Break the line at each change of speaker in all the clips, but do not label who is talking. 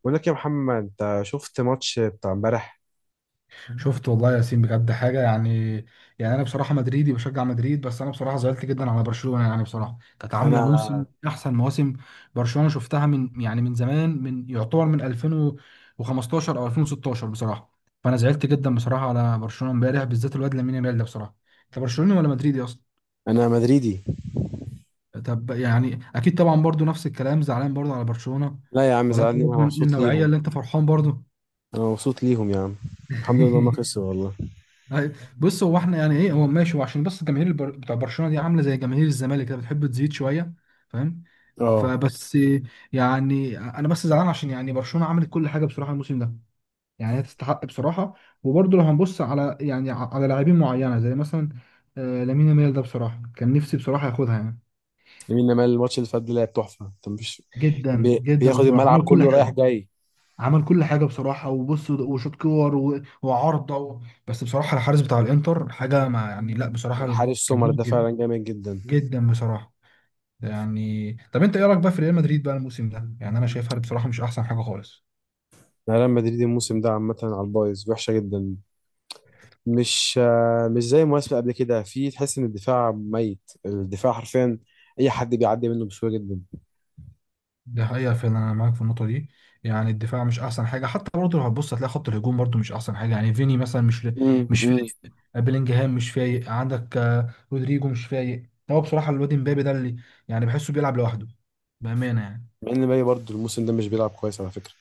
بقول لك يا محمد، انت شفت ماتش بتاع امبارح؟
شفت والله يا ياسين بجد حاجه. يعني انا بصراحه مدريدي بشجع مدريد، بس انا بصراحه زعلت جدا على برشلونه. يعني بصراحه كانت عامله
انا
موسم من احسن مواسم برشلونه. شفتها من زمان، من 2015 او 2016 بصراحه. فانا زعلت جدا بصراحه على برشلونه امبارح، بالذات الواد لامين يامال ده بصراحه. انت برشلوني ولا مدريدي اصلا؟
انا مدريدي.
طب يعني اكيد طبعا برضو نفس الكلام، زعلان برضو على برشلونه.
لا يا عم،
ولا انت
زعلني؟ انا
برضو من
مبسوط
النوعيه
ليهم.
اللي انت فرحان برضو؟
انا مبسوط ليهم يا عم. الحمد لله ما خسروا والله.
أي- بص، هو احنا يعني ايه، هو ماشي، هو عشان بس الجماهير بتوع برشلونه دي عامله زي جماهير الزمالك كده، بتحب تزيد شويه. فاهم؟
اه
فبس. يعني انا بس زعلان عشان يعني برشلونه عملت كل حاجه بصراحه الموسم ده. يعني هي تستحق بصراحه. وبرضه لو هنبص على يعني على لاعبين معينه زي مثلا لامين يامال ده بصراحه كان نفسي بصراحه ياخدها يعني.
لامين يامال الماتش اللي فات ده لعب تحفه، انت مش
جدا جدا
بياخد
بصراحه،
الملعب
عمل كل
كله رايح
حاجه.
جاي؟
عمل كل حاجه بصراحه، وبص وشوط كور وعارضه بس بصراحه الحارس بتاع الانتر حاجه ما، يعني لا بصراحه.
الحارس
كان
سومر
جامد
ده
جدا،
فعلا جامد جدا.
جدا بصراحه. يعني طب انت ايه رايك بقى في ريال مدريد بقى الموسم ده؟ يعني انا شايفها بصراحه مش احسن حاجه خالص.
أنا ريال مدريد الموسم ده عامه على البايظ، وحشه جدا. مش زي المواسم قبل كده، في تحس ان الدفاع ميت، الدفاع حرفيا اي حد بيعدي منه بسهوله جدا.
ده حقيقه فعلا، انا معاك في النقطه دي. يعني الدفاع مش احسن حاجه، حتى برضه لو هتبص هتلاقي خط الهجوم برضه مش احسن حاجه. يعني فيني مثلا مش، مش
امم.
فايق. بيلينجهام مش فايق، عندك رودريجو مش فايق. هو بصراحه الواد امبابي ده اللي يعني بحسه بيلعب لوحده بامانه يعني.
مع ان مبابي برضه الموسم ده مش بيلعب كويس على فكره.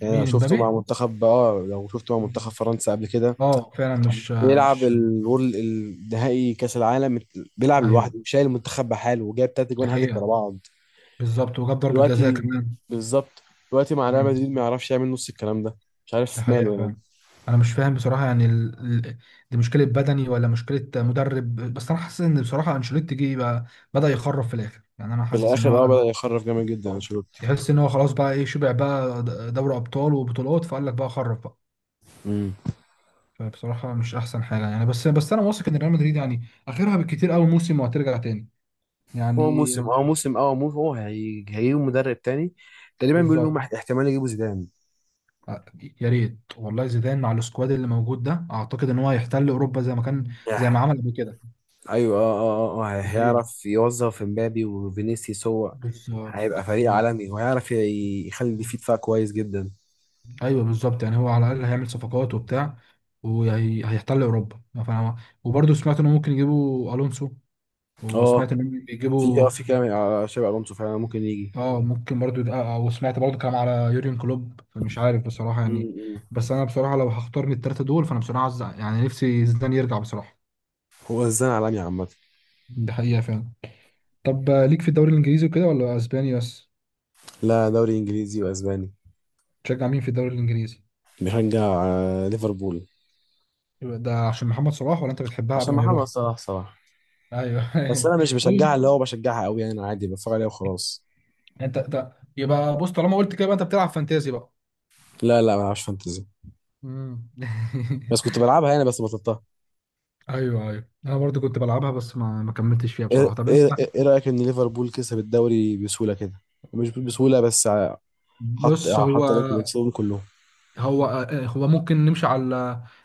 يعني انا
مين
شفته مع
امبابي؟
منتخب، لو شفته مع منتخب فرنسا قبل كده،
اه فعلا مش،
بيلعب
مش.
الورل النهائي كاس العالم، بيلعب
ايوه
لوحده شايل المنتخب بحاله، وجايب تلات
دي
جوان هاتريك ورا
حقيقه.
بعض.
بالظبط، وجاب ضربه جزاء
دلوقتي
كمان.
بالظبط. دلوقتي مع ريال
مم.
مدريد ما يعرفش يعمل نص الكلام ده. مش
ده
عارف
حقيقة
ماله يعني.
فعلا. أنا مش فاهم بصراحة يعني ال... دي مشكلة بدني ولا مشكلة مدرب؟ بس أنا حاسس إن بصراحة أنشيلوتي جه بقى بدأ يخرف في الآخر. يعني أنا
في
حاسس إن
الاخر
هو
بدأ يخرف جامد جدا
آه.
انشيلوتي.
يحس إن هو خلاص بقى إيه، شبع بقى دوري أبطال وبطولات، فقال لك بقى خرف بقى.
امم.
فبصراحة مش أحسن حاجة يعني. بس أنا واثق إن ريال مدريد يعني آخرها بالكتير أوي موسم وهترجع تاني.
هو
يعني
موسم
ال-
اه موسم اه موسم هو هيجيب مدرب تاني. تقريبا بيقولوا ان هم
بالظبط.
احتمال يجيبوا زيدان.
آه، يا ريت والله زيدان مع السكواد اللي موجود ده، أعتقد إن هو هيحتل أوروبا زي ما كان، زي ما عمل قبل كده.
ايوه،
دي حقيقة.
هيعرف يوظف امبابي وفينيسيوس. هو هيبقى
بالظبط
فريق
مم.
عالمي، وهيعرف يخلي فيه دفاع كويس جدا.
ايوه بالظبط. يعني هو على الاقل هيعمل صفقات وبتاع، وهيحتل اوروبا. فانا وبرضه سمعت انه ممكن يجيبوا الونسو،
اه،
وسمعت انهم
في
بيجيبوا.
كلام على شابي الونسو فعلا ممكن يجي.
اه ممكن برضه وسمعت برضه كلام على يوريون كلوب، فمش عارف بصراحه يعني.
مم.
بس انا بصراحه لو هختار من الثلاثه دول، فانا بصراحه عايز يعني نفسي زيدان يرجع بصراحه.
هو هزان عالمي عامة.
دي حقيقه فعلا. طب ليك في الدوري الانجليزي وكده ولا اسباني بس؟
لا، دوري انجليزي واسباني.
تشجع مين في الدوري الانجليزي؟
بشجع ليفربول.
يبقى ده عشان محمد صلاح ولا انت بتحبها
عشان
قبل ما
محمد
يروح؟
صلاح صراحة.
ايوه.
بس انا مش بشجعها
طيب،
اللي هو بشجعها قوي، يعني انا عادي بتفرج عليها وخلاص.
يعني انت ده يبقى، بص طالما قلت كده يبقى انت بتلعب فانتازي بقى؟
لا لا، ما بلعبش فانتزي.
مم.
بس كنت بلعبها يعني، بس بطلتها.
ايوه ايوه، انا برضو كنت بلعبها بس ما كملتش فيها
ايه
بصراحه. طب انت.
ايه؟ إيه رأيك ان ليفربول كسب الدوري بسهولة كده؟ مش بسهولة بس. حط
بص هو
حط عليكم نفسهم كلهم.
هو هو ممكن نمشي على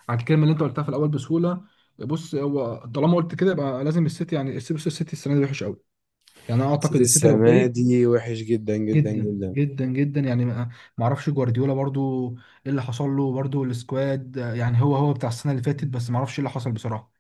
على الكلمه اللي انت قلتها في الاول بسهوله. بص، هو طالما قلت كده يبقى لازم السيتي، يعني السيتي، بص، السيتي السنه دي وحش قوي. يعني انا اعتقد
سيتي
السيتي لو
السنة
فايق
دي وحش جدا جدا
جدا
جدا.
جدا جدا. يعني ما اعرفش جوارديولا برضو ايه اللي حصل له، برضو السكواد يعني هو بتاع السنه اللي فاتت، بس ما اعرفش ايه اللي حصل بصراحه.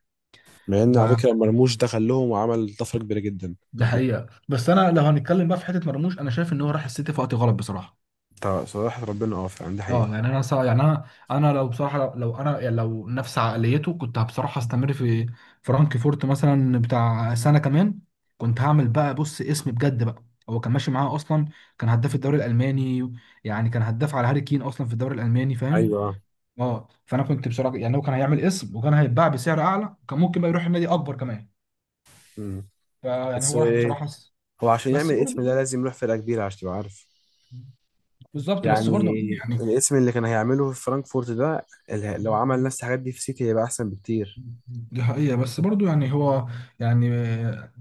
مع ان على فكرة مرموش دخل لهم وعمل طفرة كبيرة جدا.
ده حقيقه. بس انا لو هنتكلم بقى في حته مرموش، انا شايف ان هو راح السيتي في وقت غلط بصراحه.
طب صراحة ربنا فعلا، دي
اه
حقيقة.
يعني يعني انا لو بصراحه لو انا يعني لو نفس عقليته كنت بصراحه استمر في فرانكفورت مثلا بتاع سنه كمان. كنت هعمل بقى بص اسم بجد بقى. هو كان ماشي معاه اصلا، كان هداف الدوري الالماني. يعني كان هداف على هاري كين اصلا في الدوري الالماني، فاهم؟
ايوه.
اه فانا كنت بصراحه يعني هو كان هيعمل اسم وكان هيتباع بسعر اعلى، كان ممكن بقى يروح النادي اكبر كمان.
مم.
فيعني
بس
هو
هو
راح
ايه؟
بصراحه.
هو عشان يعمل
بس
الاسم
برضه
ده لازم يروح فرقة كبيرة عشان تبقى عارف
بالظبط، بس
يعني.
برضه يعني
الاسم اللي كان هيعمله في فرانكفورت ده، لو عمل نفس الحاجات دي في سيتي هيبقى احسن بكتير.
دي حقيقة بس برضو يعني هو يعني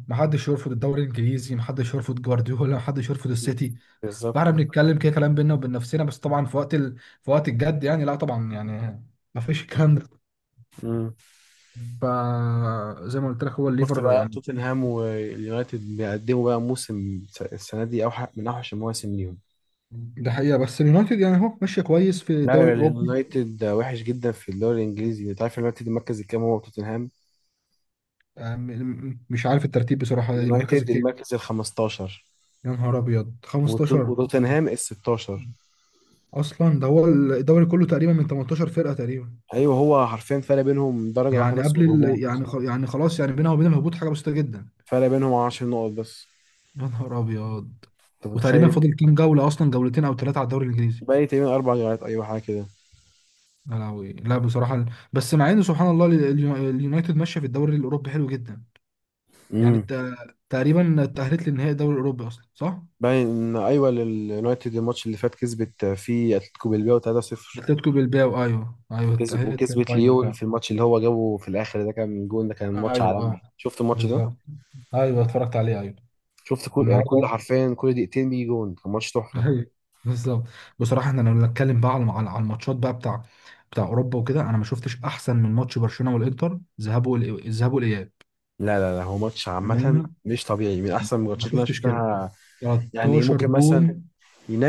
محدش يرفض الدوري الانجليزي، محدش يرفض جوارديولا، محدش يرفض السيتي. فاحنا
بالظبط.
بنتكلم كده كلام بينا وبين نفسنا. بس طبعا في وقت في وقت الجد يعني، لا طبعا يعني ما فيش الكلام ده.
مم.
فزي ما قلت لك هو
شفت
الليفر
بقى
يعني.
توتنهام واليونايتد بيقدموا بقى موسم؟ السنة دي أوحش من أوحش المواسم ليهم.
ده حقيقة بس اليونايتد يعني هو ماشية كويس في الدوري
لا،
الأوروبي.
اليونايتد وحش جدا في الدوري الانجليزي، انت عارف اليونايتد المركز الكام؟ هو توتنهام.
آه، م- مش عارف الترتيب بصراحة، المركز
اليونايتد
الكام.
المركز ال 15،
يا نهار أبيض 15!
وتوتنهام ال 16.
أصلا ده هو الدوري كله تقريبا من 18 فرقة تقريبا.
ايوه، هو حرفيا فرق بينهم درجه واحده
يعني
بس
قبل
والهبوط،
يعني يعني خلاص يعني بينها وبين الهبوط حاجه بسيطه جدا.
فرق بينهم 10 نقط بس.
يا نهار ابيض.
انت
وتقريبا
متخيل؟
فاضل كام جوله اصلا، جولتين او ثلاثه على الدوري الانجليزي.
باقي تقريبا اربع جولات، ايوه حاجه كده.
يا لهوي، لا بصراحه. بس مع ان سبحان الله اليونايتد ماشيه في الدوري الاوروبي حلو جدا. يعني
امم.
تقريبا تاهلت لنهائي الدوري الاوروبي اصلا، صح؟
باين ان، ايوه، اليونايتد الماتش اللي فات كسبت فيه اتلتيكو بالباو 3-0،
اتلتيكو بالباو، ايوه ايوه
كسب،
تاهلت
وكسبت
للفاينل
ليون
فعلا.
في الماتش اللي هو جابه في الاخر ده، كان جون، ده كان ماتش
ايوه
عالمي.
اه.
شفت الماتش ده؟
بالظبط. ايوه اتفرجت عليه ايوه.
شفت كل، يعني كل،
والنهارده
حرفيا كل دقيقتين بيجي جون، كان ماتش تحفه.
أيوة، بالظبط. بصراحه احنا لو نتكلم بقى على على على الماتشات بقى بتاع بتاع اوروبا وكده، انا ما شفتش احسن من ماتش برشلونه والانتر ذهاب الذهاب والاياب.
لا لا لا، هو ماتش عامة
بامانه
مش طبيعي، من أحسن الماتشات
ما
اللي أنا
شفتش كده.
شفتها. يعني
13
ممكن مثلا
جون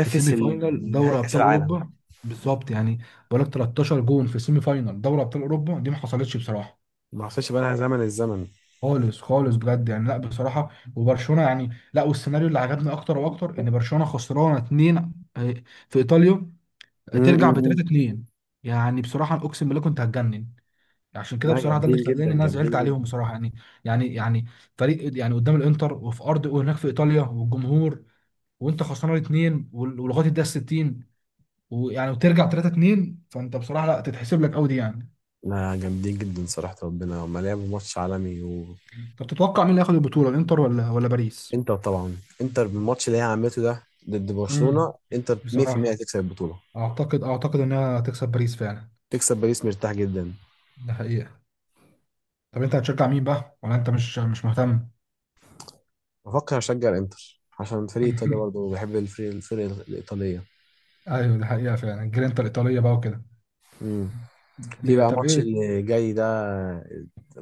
في سيمي فاينال
نهائي
دوري
كأس
ابطال
العالم.
اوروبا. بالظبط يعني. بقول لك 13 جون في سيمي فاينال دوري ابطال اوروبا دي ما حصلتش بصراحه.
ما حصلش بقى، لها زمن الزمن.
خالص خالص، بجد يعني، لا بصراحه. وبرشلونه يعني لا، والسيناريو اللي عجبني اكتر واكتر ان برشلونه خسرانه اتنين آه، في ايطاليا،
م-
ترجع
م-
ب
م.
3 2. يعني بصراحه اقسم بالله كنت هتجنن. عشان كده
لا،
بصراحه ده اللي
جامدين
خلاني ان
جدا،
انا زعلت
جامدين
عليهم
جدا.
بصراحه يعني. يعني يعني فريق يعني قدام الانتر وفي ارض وهناك في ايطاليا والجمهور، وانت خسران الاثنين ولغايه الدقيقه 60، ويعني وترجع 3 2. فانت بصراحه لا، تتحسب لك قوي دي يعني.
لا، جامدين جدا، صراحة ربنا هما لعبوا ماتش عالمي.
طب تتوقع مين اللي هياخد البطوله، الانتر ولا باريس؟
وإنتر طبعا، إنتر بالماتش اللي هي عملته ده ضد
امم.
برشلونة، إنتر 100%
بصراحه
هتكسب البطولة.
اعتقد انها هتكسب باريس فعلا.
تكسب باريس مرتاح جدا.
ده حقيقه. طب انت هتشجع مين بقى ولا انت مش مهتم؟
بفكر أشجع إنتر عشان فريق إيطاليا، برضه بحب الفرق الإيطالية.
ايوه دي حقيقه فعلا جرينتا الايطاليه بقى وكده.
مم. في بقى
طب
ماتش
ايه؟
اللي جاي ده،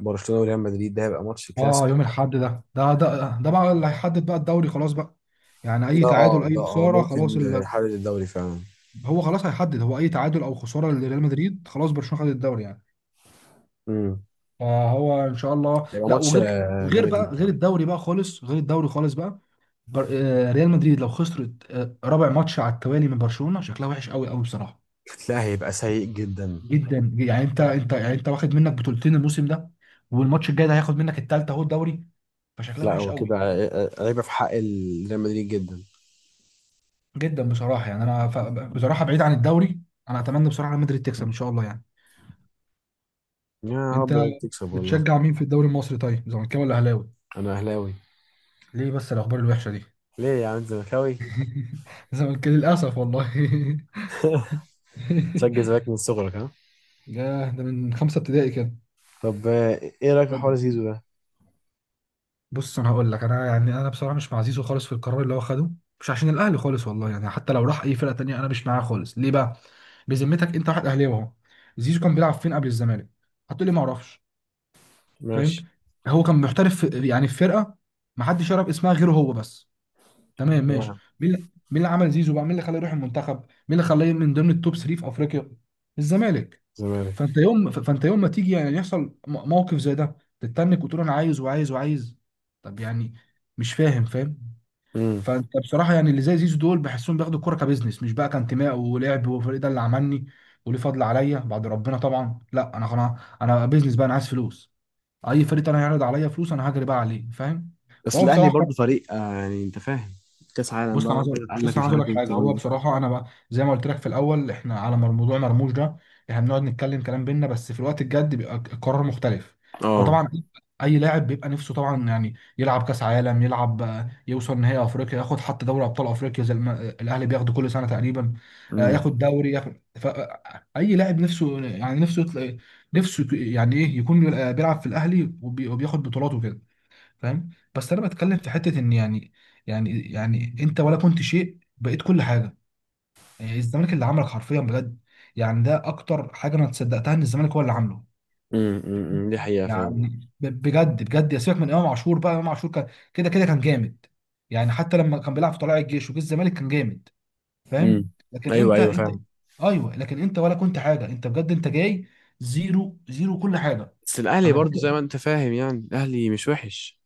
برشلونة وريال مدريد، ده هيبقى ماتش كلاسيكو.
اه يوم الاحد ده ده بقى اللي هيحدد بقى الدوري خلاص بقى. يعني اي
ده
تعادل،
اه ده
اي
اه
خساره خلاص
ممكن يحرر الدوري فعلا.
هو خلاص هيحدد. هو اي تعادل او خساره لريال مدريد، خلاص برشلونه خد الدوري يعني.
امم.
فهو ان شاء الله
هيبقى
لا،
ماتش
وغير وغير
جامد
بقى،
جدا.
غير الدوري بقى خالص، غير الدوري خالص بقى. بر... آه، ريال مدريد لو خسرت رابع ماتش على التوالي من برشلونه، شكلها وحش قوي قوي بصراحه.
لا هيبقى سيء جدا.
جدا يعني. انت يعني انت واخد منك بطولتين الموسم ده، والماتش الجاي ده هياخد منك التالتة اهو الدوري. فشكلها
لا،
وحش
هو كده
قوي
عيبة في حق ريال مدريد جدا.
جدا بصراحه. بصراحه بعيد عن الدوري، انا اتمنى بصراحه ريال مدريد تكسب ان شاء الله يعني.
يا
انت
رب الريال تكسب والله.
بتشجع مين في الدوري المصري طيب، زملكاوي ولا اهلاوي؟
انا اهلاوي.
ليه بس الاخبار الوحشه دي؟
ليه يا عم، أنت زملكاوي؟
زملكاوي للاسف والله.
تشجع الزمالك من صغرك ها؟
ده من خمسه ابتدائي كده.
طب، ايه رايك في حوار زيزو ده؟
بص انا هقول لك، انا يعني انا بصراحه مش مع زيزو خالص في القرار اللي هو خده. مش عشان الاهلي خالص والله، يعني حتى لو راح اي فرقه تانية انا مش معاه خالص. ليه بقى؟ بذمتك انت واحد اهلاوي اهو، زيزو كان بيلعب فين قبل الزمالك؟ هتقول لي ما اعرفش، فاهم؟
ماشي.
هو كان محترف في يعني في فرقه ما حدش يعرف اسمها غيره هو بس. تمام ماشي.
تمام.
مين اللي عمل زيزو بقى؟ مين اللي خلاه يروح المنتخب؟ مين اللي خلاه من ضمن التوب 3 في افريقيا؟ الزمالك.
زمالك.
فانت يوم ما تيجي يعني يحصل موقف زي ده، تتنك وتقول انا عايز وعايز وعايز، طب يعني مش فاهم، فاهم. فانت بصراحه يعني اللي زي زيزو دول بحسهم بياخدوا الكوره كبزنس، مش بقى كانتماء ولعب وفريق ده اللي عملني وليه فضل عليا بعد ربنا طبعا. لا انا خلاص انا بيزنس بقى، انا عايز فلوس. اي فريق تاني هيعرض عليا فلوس انا هجري بقى عليه، فاهم؟
بس
فهو
الاهلي
بصراحه.
برضه فريق، يعني انت فاهم. كاس عالم بقى، وانت قال
بص
لك
انا
مش
عايز اقول
عارف
لك
ايه
حاجه،
الكلام
هو
ده.
بصراحه انا بقى زي ما قلت لك في الاول احنا على موضوع مرموش ده، احنا بنقعد نتكلم كلام بينا، بس في الوقت الجد بيبقى القرار مختلف.
اه.
فطبعا اي لاعب بيبقى نفسه طبعا يعني يلعب كاس عالم، يلعب يوصل نهائي افريقيا، ياخد حتى دوري ابطال افريقيا زي الاهلي بياخده كل سنه تقريبا.
امم،
ياخد دوري، ياخد اي لاعب نفسه يعني، نفسه يطلع، نفسه يعني ايه يكون بيلعب في الاهلي وبياخد بطولات وكده، فاهم؟ بس انا بتكلم في حته ان يعني يعني يعني انت ولا كنت شيء بقيت كل حاجه. يعني الزمالك اللي عملك حرفيا بجد. يعني ده اكتر حاجه انا تصدقتها، ان الزمالك هو اللي عامله.
امم، أمم. دي حقيقة فعلا.
يعني بجد بجد، يا سيبك من امام عاشور بقى، امام عاشور كان كده كده كان جامد. يعني حتى لما كان بيلعب في طلائع الجيش وجه الزمالك كان جامد.
امم.
فاهم؟ لكن
ايوه
انت
ايوه،
انت
فاهم.
ايوه لكن انت ولا كنت حاجه، انت بجد انت جاي زيرو زيرو كل حاجه.
بس الاهلي
انا
برضو
فاكر
زي ما انت فاهم، يعني الاهلي مش وحش.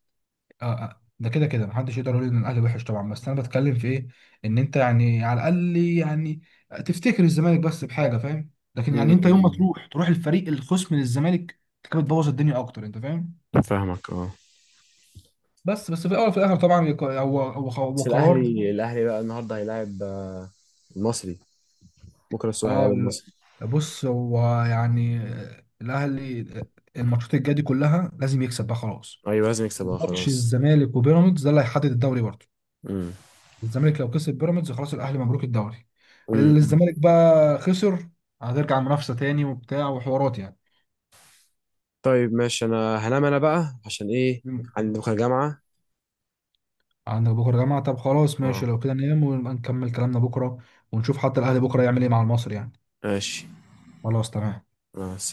اه. ده كده كده محدش يقدر يقول ان الاهلي وحش طبعا، بس انا بتكلم في ايه ان انت يعني على الاقل يعني تفتكر الزمالك بس بحاجه، فاهم؟ لكن
امم،
يعني انت يوم ما
أمم.
تروح تروح الفريق الخصم للزمالك، انت كده بتبوظ الدنيا اكتر، انت فاهم؟
فاهمك، اه.
بس في الاول وفي الاخر طبعا هو هو
بس
قرار.
الاهلي بقى النهارده هيلاعب المصري. بكره الصبح
اه
هيلاعب المصري.
بص هو يعني الاهلي الماتشات الجايه دي كلها لازم يكسب بقى خلاص.
ايوه لازم يكسب،
ماتش
خلاص.
الزمالك وبيراميدز ده اللي هيحدد الدوري برضه.
امم،
الزمالك لو كسب بيراميدز خلاص الاهلي مبروك الدوري.
أمم، أمم.
الزمالك بقى خسر، هترجع منافسه تاني وبتاع وحوارات يعني.
طيب ماشي، انا هنام انا بقى عشان ايه؟ عندي بكره جامعة.
عندك بكره جماعه، طب خلاص ماشي
اه.
لو كده ننام ونبقى نكمل كلامنا بكره، ونشوف حتى الاهلي بكره يعمل ايه مع المصري يعني.
ماشي.
خلاص تمام.
مع السلامة.